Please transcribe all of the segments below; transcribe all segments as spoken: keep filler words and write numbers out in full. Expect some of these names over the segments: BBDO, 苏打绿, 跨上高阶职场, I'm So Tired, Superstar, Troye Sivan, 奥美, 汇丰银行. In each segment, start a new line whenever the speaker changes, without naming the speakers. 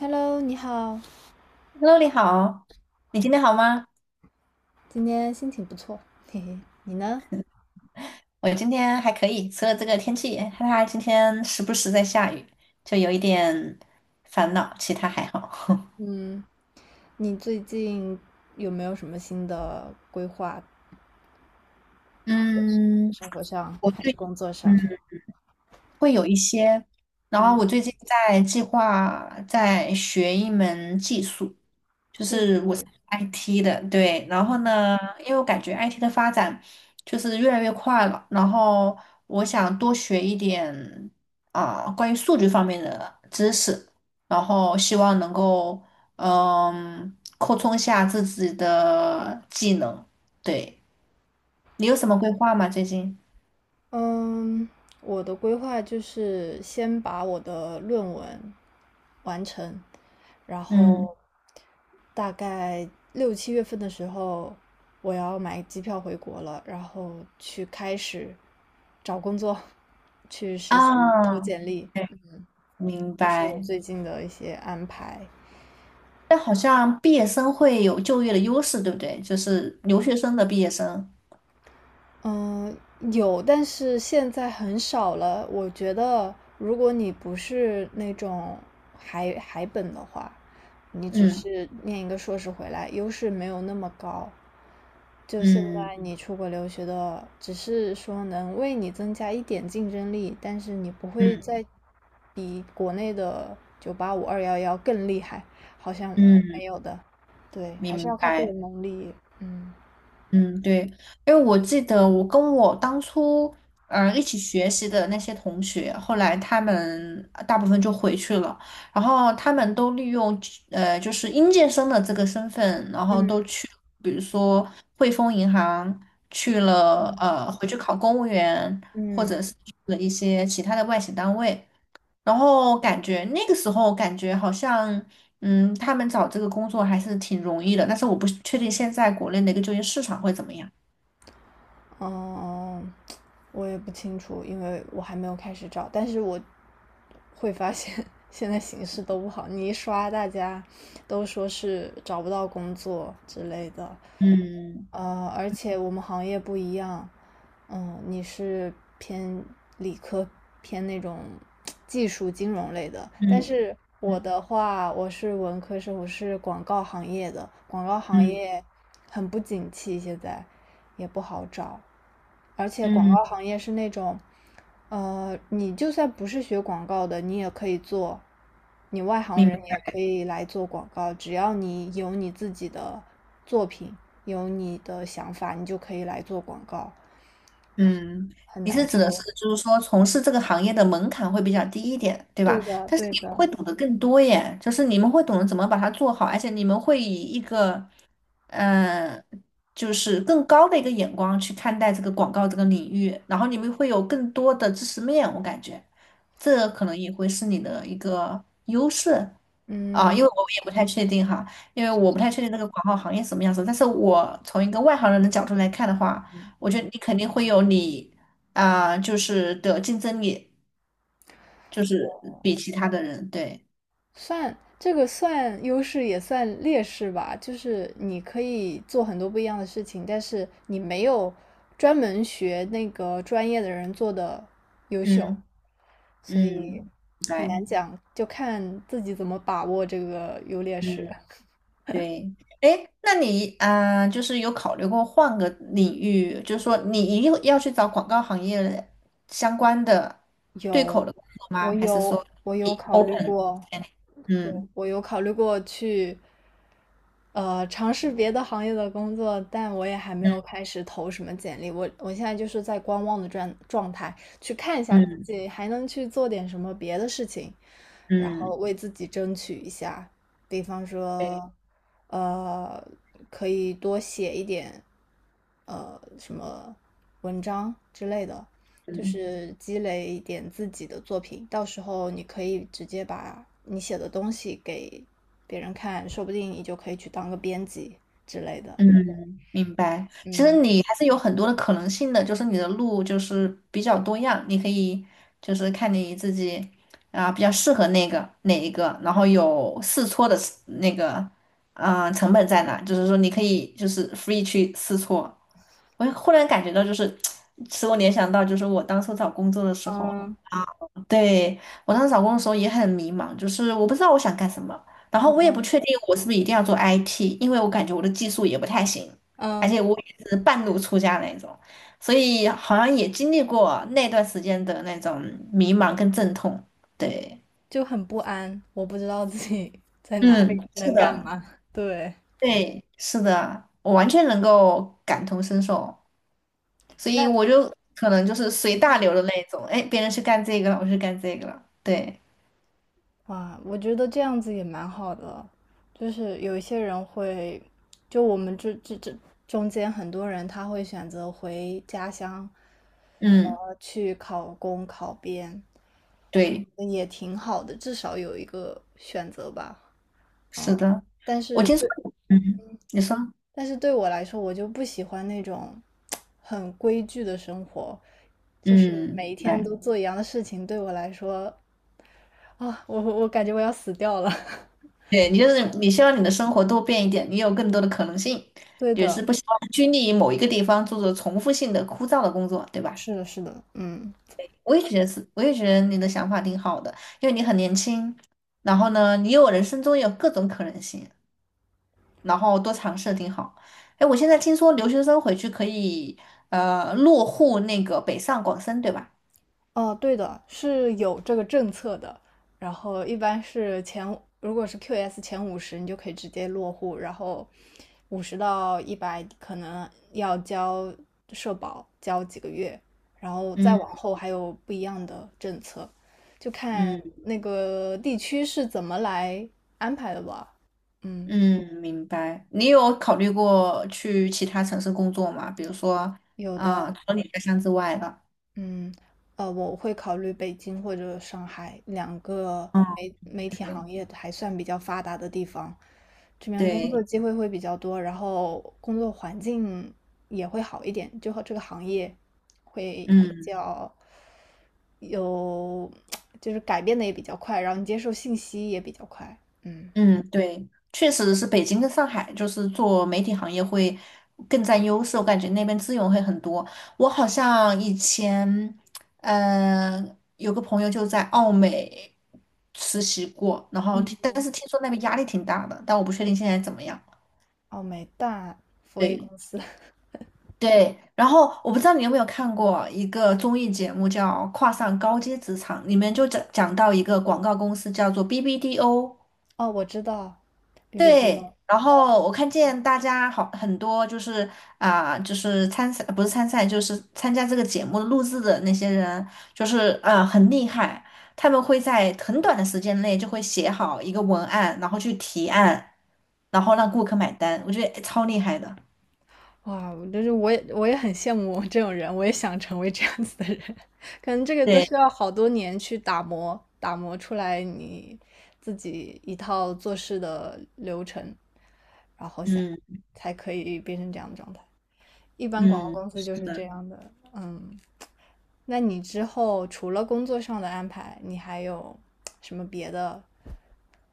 Hello，你好，
h e 你好，你今天好吗？
今天心情不错，嘿嘿，你呢？
我今天还可以，除了这个天气，哈哈，今天时不时在下雨，就有一点烦恼，其他还好。
嗯，你最近有没有什么新的规划？
嗯，
生活上
我
还是
最
工作上？
嗯会有一些，然后我
嗯，
最近在计划在学一门技术，
技术，
I T 的，对，然后
嗯
呢，因为我感觉 I T 的发展就是越来越快了，然后我想多学一点啊、关于数据方面的知识，然后希望能够嗯扩充一下自己的技能。对，你有什么规划吗？最近？
嗯，我的规划就是先把我的论文完成，然
嗯
后大概六七月份的时候，我要买机票回国了，然后去开始找工作，去实习、投
啊，
简历，
明
这是我
白。
最近的一些安排。
但好像毕业生会有就业的优势，对不对？就是留学生的毕业生。
嗯，有，但是现在很少了。我觉得，如果你不是那种海海本的话，你只
嗯
是念一个硕士回来，优势没有那么高。就现
嗯
在你出国留学的，只是说能为你增加一点竞争力，但是你不会
嗯
再比国内的九八五、二幺幺更厉害，好像
嗯。
没有的。对，还是
明
要看个
白，
人能力。嗯
嗯，对，因为我记得我跟我当初呃一起学习的那些同学，后来他们呃大部分就回去了，然后他们都利用呃就是应届生的这个身份，然后都
嗯
去，比如说汇丰银行去了，
嗯。
呃，回去考公务员，或
嗯。
者是去了一些其他的外企单位，然后感觉那个时候感觉好像，嗯，他们找这个工作还是挺容易的，但是我不确定现在国内的一个就业市场会怎么样。
哦，我也不清楚，因为我还没有开始找。但是我会发现 现在形势都不好，你一刷大家都说是找不到工作之类的。
嗯
呃，而且我们行业不一样，嗯，你是偏理科，偏那种技术金融类的，但
嗯
是我
嗯
的话，我是文科生，我是广告行业的，广告行
嗯
业很不景气现在，也不好找，而且广
嗯，
告行业是那种，呃，你就算不是学广告的，你也可以做，你外行
明
人也
白。
可以来做广告，只要你有你自己的作品，有你的想法，你就可以来做广告，
嗯，
很
你
难
是指的是
说。
就是说从事这个行业的门槛会比较低一点，对
对
吧？
的，
但是
对
你们
的，
会懂得更多耶，就是你们会懂得怎么把它做好，而且你们会以一个嗯、呃就是更高的一个眼光去看待这个广告这个领域，然后你们会有更多的知识面，我感觉这可能也会是你的一个优势。啊，
嗯，
因为我也不太确定哈，因为我不太确定这个广告行业什么样子。但是我从一个外行人的角度来看的话，我觉得你肯定会有你啊、就是的竞争力，就是比其他的人，对，
算这个算优势也算劣势吧，就是你可以做很多不一样的事情，但是你没有专门学那个专业的人做的优秀，
嗯
所以
嗯，
很
对，
难讲，就看自己怎么把握这个优劣势。
嗯，对，哎，那你啊、就是有考虑过换个领域，就是说你一定要去找广告行业相关的对
有，
口的工作吗？
我
还是
有，
说
我有
你
考虑
open？
过，对，
嗯
我有考虑过去，呃，尝试别的行业的工作，但我也还没
嗯
有开始投什么简历。我我现在就是在观望的状状态，去看一下
嗯
自己还能去做点什么别的事情，然
嗯，
后
嗯
为自己争取一下，比方
对，
说，呃，可以多写一点，呃，什么文章之类的。就
嗯。
是积累一点自己的作品，到时候你可以直接把你写的东西给别人看，说不定你就可以去当个编辑之类的。
嗯，明白。其实
嗯，
你还是有很多的可能性的，就是你的路就是比较多样，你可以就是看你自己啊、比较适合那个哪一个，然后有试错的那个嗯、呃成本在哪，就是说你可以就是 free 去试错。我忽然感觉到就是 使我联想到就是我当初找工作的时候
嗯
对，我当时找工作的时候也很迷茫，就是我不知道我想干什么，然后我也不确定我是不是一定要做 I T，因为我感觉我的技术也不太行，而
嗯，
且我也是半路出家那种，所以好像也经历过那段时间的那种迷茫跟阵痛。对，
就很不安，我不知道自己 在哪
嗯，
里
是
能干
的，
嘛。对，
对，是的，我完全能够感同身受，所
那
以我就可能就是随大流的那种，哎，别人去干这个了，我去干这个了，对，
哇，我觉得这样子也蛮好的，就是有一些人会，就我们这这这中间很多人他会选择回家乡，呃，
嗯，
去考公考编，
对。
嗯也挺好的，至少有一个选择吧。
是
嗯，
的，
但
我
是
听说，
对，
嗯，你说，
但是对我来说，我就不喜欢那种很规矩的生活，就是
嗯，
每一
对，
天都做一样的事情，对我来说啊，我我感觉我要死掉了。
对，你就是你希望你的生活多变一点，你有更多的可能性，
对
也是
的，
不希望拘泥于某一个地方做着重复性的枯燥的工作，对吧？
是的，是的，嗯，
我也觉得是，我也觉得你的想法挺好的，因为你很年轻，然后呢，你有人生中有各种可能性，然后多尝试挺好。哎，我现在听说留学生回去可以呃落户那个北上广深，对吧？
哦，对的，是有这个政策的。然后一般是前，如果是 Q S 前五十，你就可以直接落户。然后五十到一百可能要交社保，交几个月。然后再
嗯
往后还有不一样的政策，就看
嗯。
那个地区是怎么来安排的吧。嗯，
嗯，明白。你有考虑过去其他城市工作吗？比如说，
有的
啊、除了你家乡之外的。
嗯，呃，我会考虑北京或者上海两个
嗯，
媒媒体
对
行业还算比较发达的地方，这边工作
对，
机会会比较多，然后工作环境也会好一点，就和这个行业会比
嗯
较有，就是改变的也比较快，然后你接受信息也比较快。嗯，
嗯，对，确实是北京跟上海，就是做媒体行业会更占优势，我感觉那边资源会很多。我好像以前，嗯、有个朋友就在奥美实习过，然后但是听说那边压力挺大的，但我不确定现在怎么样。
哦，美大，佛威
对。
公司，
对，然后我不知道你有没有看过一个综艺节目叫《跨上高阶职场》，里面就讲讲到一个广告公司叫做 B B D O。
哦，我知道 b b T o
对，然后我看见大家好很多就是啊、就是参赛不是参赛，就是参加这个节目录制的那些人，就是啊、很厉害，他们会在很短的时间内就会写好一个文案，然后去提案，然后让顾客买单，我觉得超厉害的。
哇，但是我也我也很羡慕这种人，我也想成为这样子的人。可能这个都
对，
需要好多年去打磨，打磨出来你自己一套做事的流程，然后想
嗯
才可以变成这样的状态。一般广告
嗯。
公司
是
就是这
的。
样的。嗯，那你之后除了工作上的安排，你还有什么别的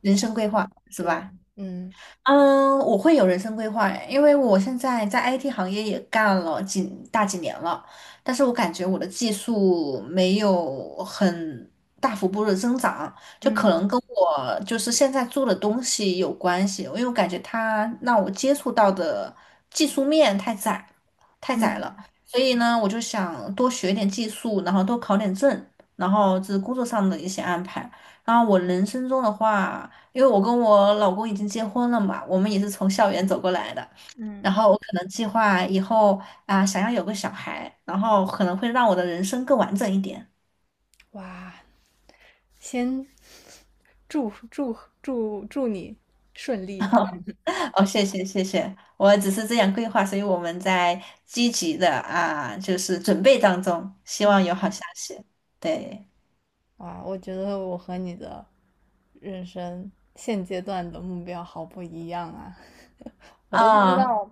人
想？
生规划是
对，
吧？
嗯
嗯，我会有人生规划，因为我现在在 I T 行业也干了几大几年了，但是我感觉我的技术没有很大幅度的增长，就可
嗯
能跟我就是现在做的东西有关系，因为我感觉它让我接触到的技术面太窄，太窄了，
嗯
所以呢，我就想多学点技术，然后多考点证，然后这是工作上的一些安排，然后我人生中的话。因为我跟我老公已经结婚了嘛，我们也是从校园走过来的。然
嗯，
后我可能计划以后啊，想要有个小孩，然后可能会让我的人生更完整一点。
哇，先祝祝祝祝你顺利。
哦，谢谢谢谢，我只是这样规划，所以我们在积极的啊，就是准备当中，希望
嗯，
有好消息。对，
哇，我觉得我和你的人生现阶段的目标好不一样啊！我都不知
啊、
道，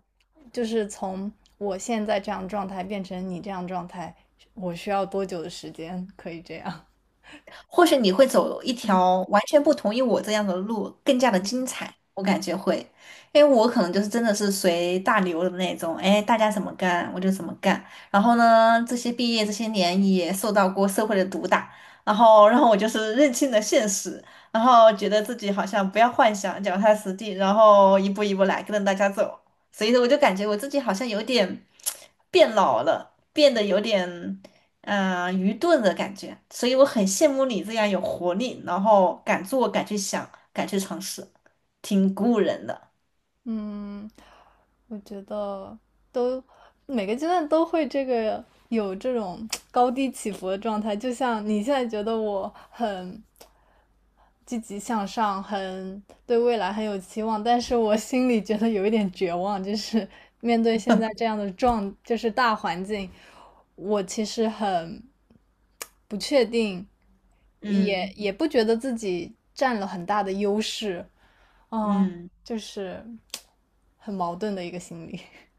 就是从我现在这样状态变成你这样状态，我需要多久的时间可以这样？
或许你会走一条完全不同于我这样的路，更加的精彩。我感觉会，因为我可能就是真的是随大流的那种，哎，大家怎么干我就怎么干。然后呢，这些毕业这些年也受到过社会的毒打，然后然后我就是认清了现实，然后觉得自己好像不要幻想，脚踏实地，然后一步一步来，跟着大家走。所以说我就感觉我自己好像有点变老了，变得有点。嗯，愚钝的感觉，所以我很羡慕你这样有活力，然后敢做、敢去想、敢去尝试，挺鼓舞人的。
嗯，我觉得都每个阶段都会这个有这种高低起伏的状态，就像你现在觉得我很积极向上，很对未来很有期望，但是我心里觉得有一点绝望，就是 面对现在这样的状，就是大环境，我其实很不确定，也
嗯
也不觉得自己占了很大的优势，啊、
嗯
就是很矛盾的一个心理。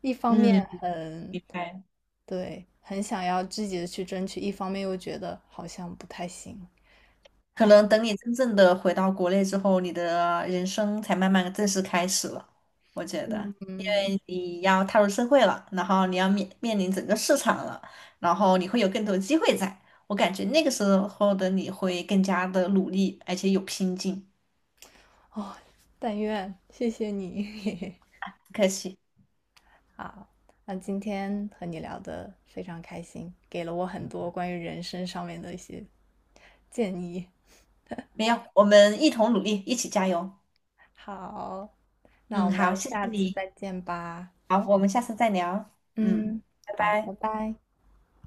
一方
嗯，
面很
明白。
对，很想要积极的去争取，一方面又觉得好像不太行。
可能等你真正的回到国内之后，你的人生才慢慢地正式开始了。我觉得
嗯，
你要踏入社会了，然后你要面面临整个市场了，然后你会有更多机会在。我感觉那个时候的你会更加的努力，而且有拼劲。
哦，但愿，谢谢你。
不客气。
好，那今天和你聊的非常开心，给了我很多关于人生上面的一些建议。
没有，我们一同努力，一起加油。
好，那我
嗯，好，
们
谢谢
下次
你。
再见吧。
好，我们下次再聊。嗯，
嗯，
拜
好，拜
拜。
拜。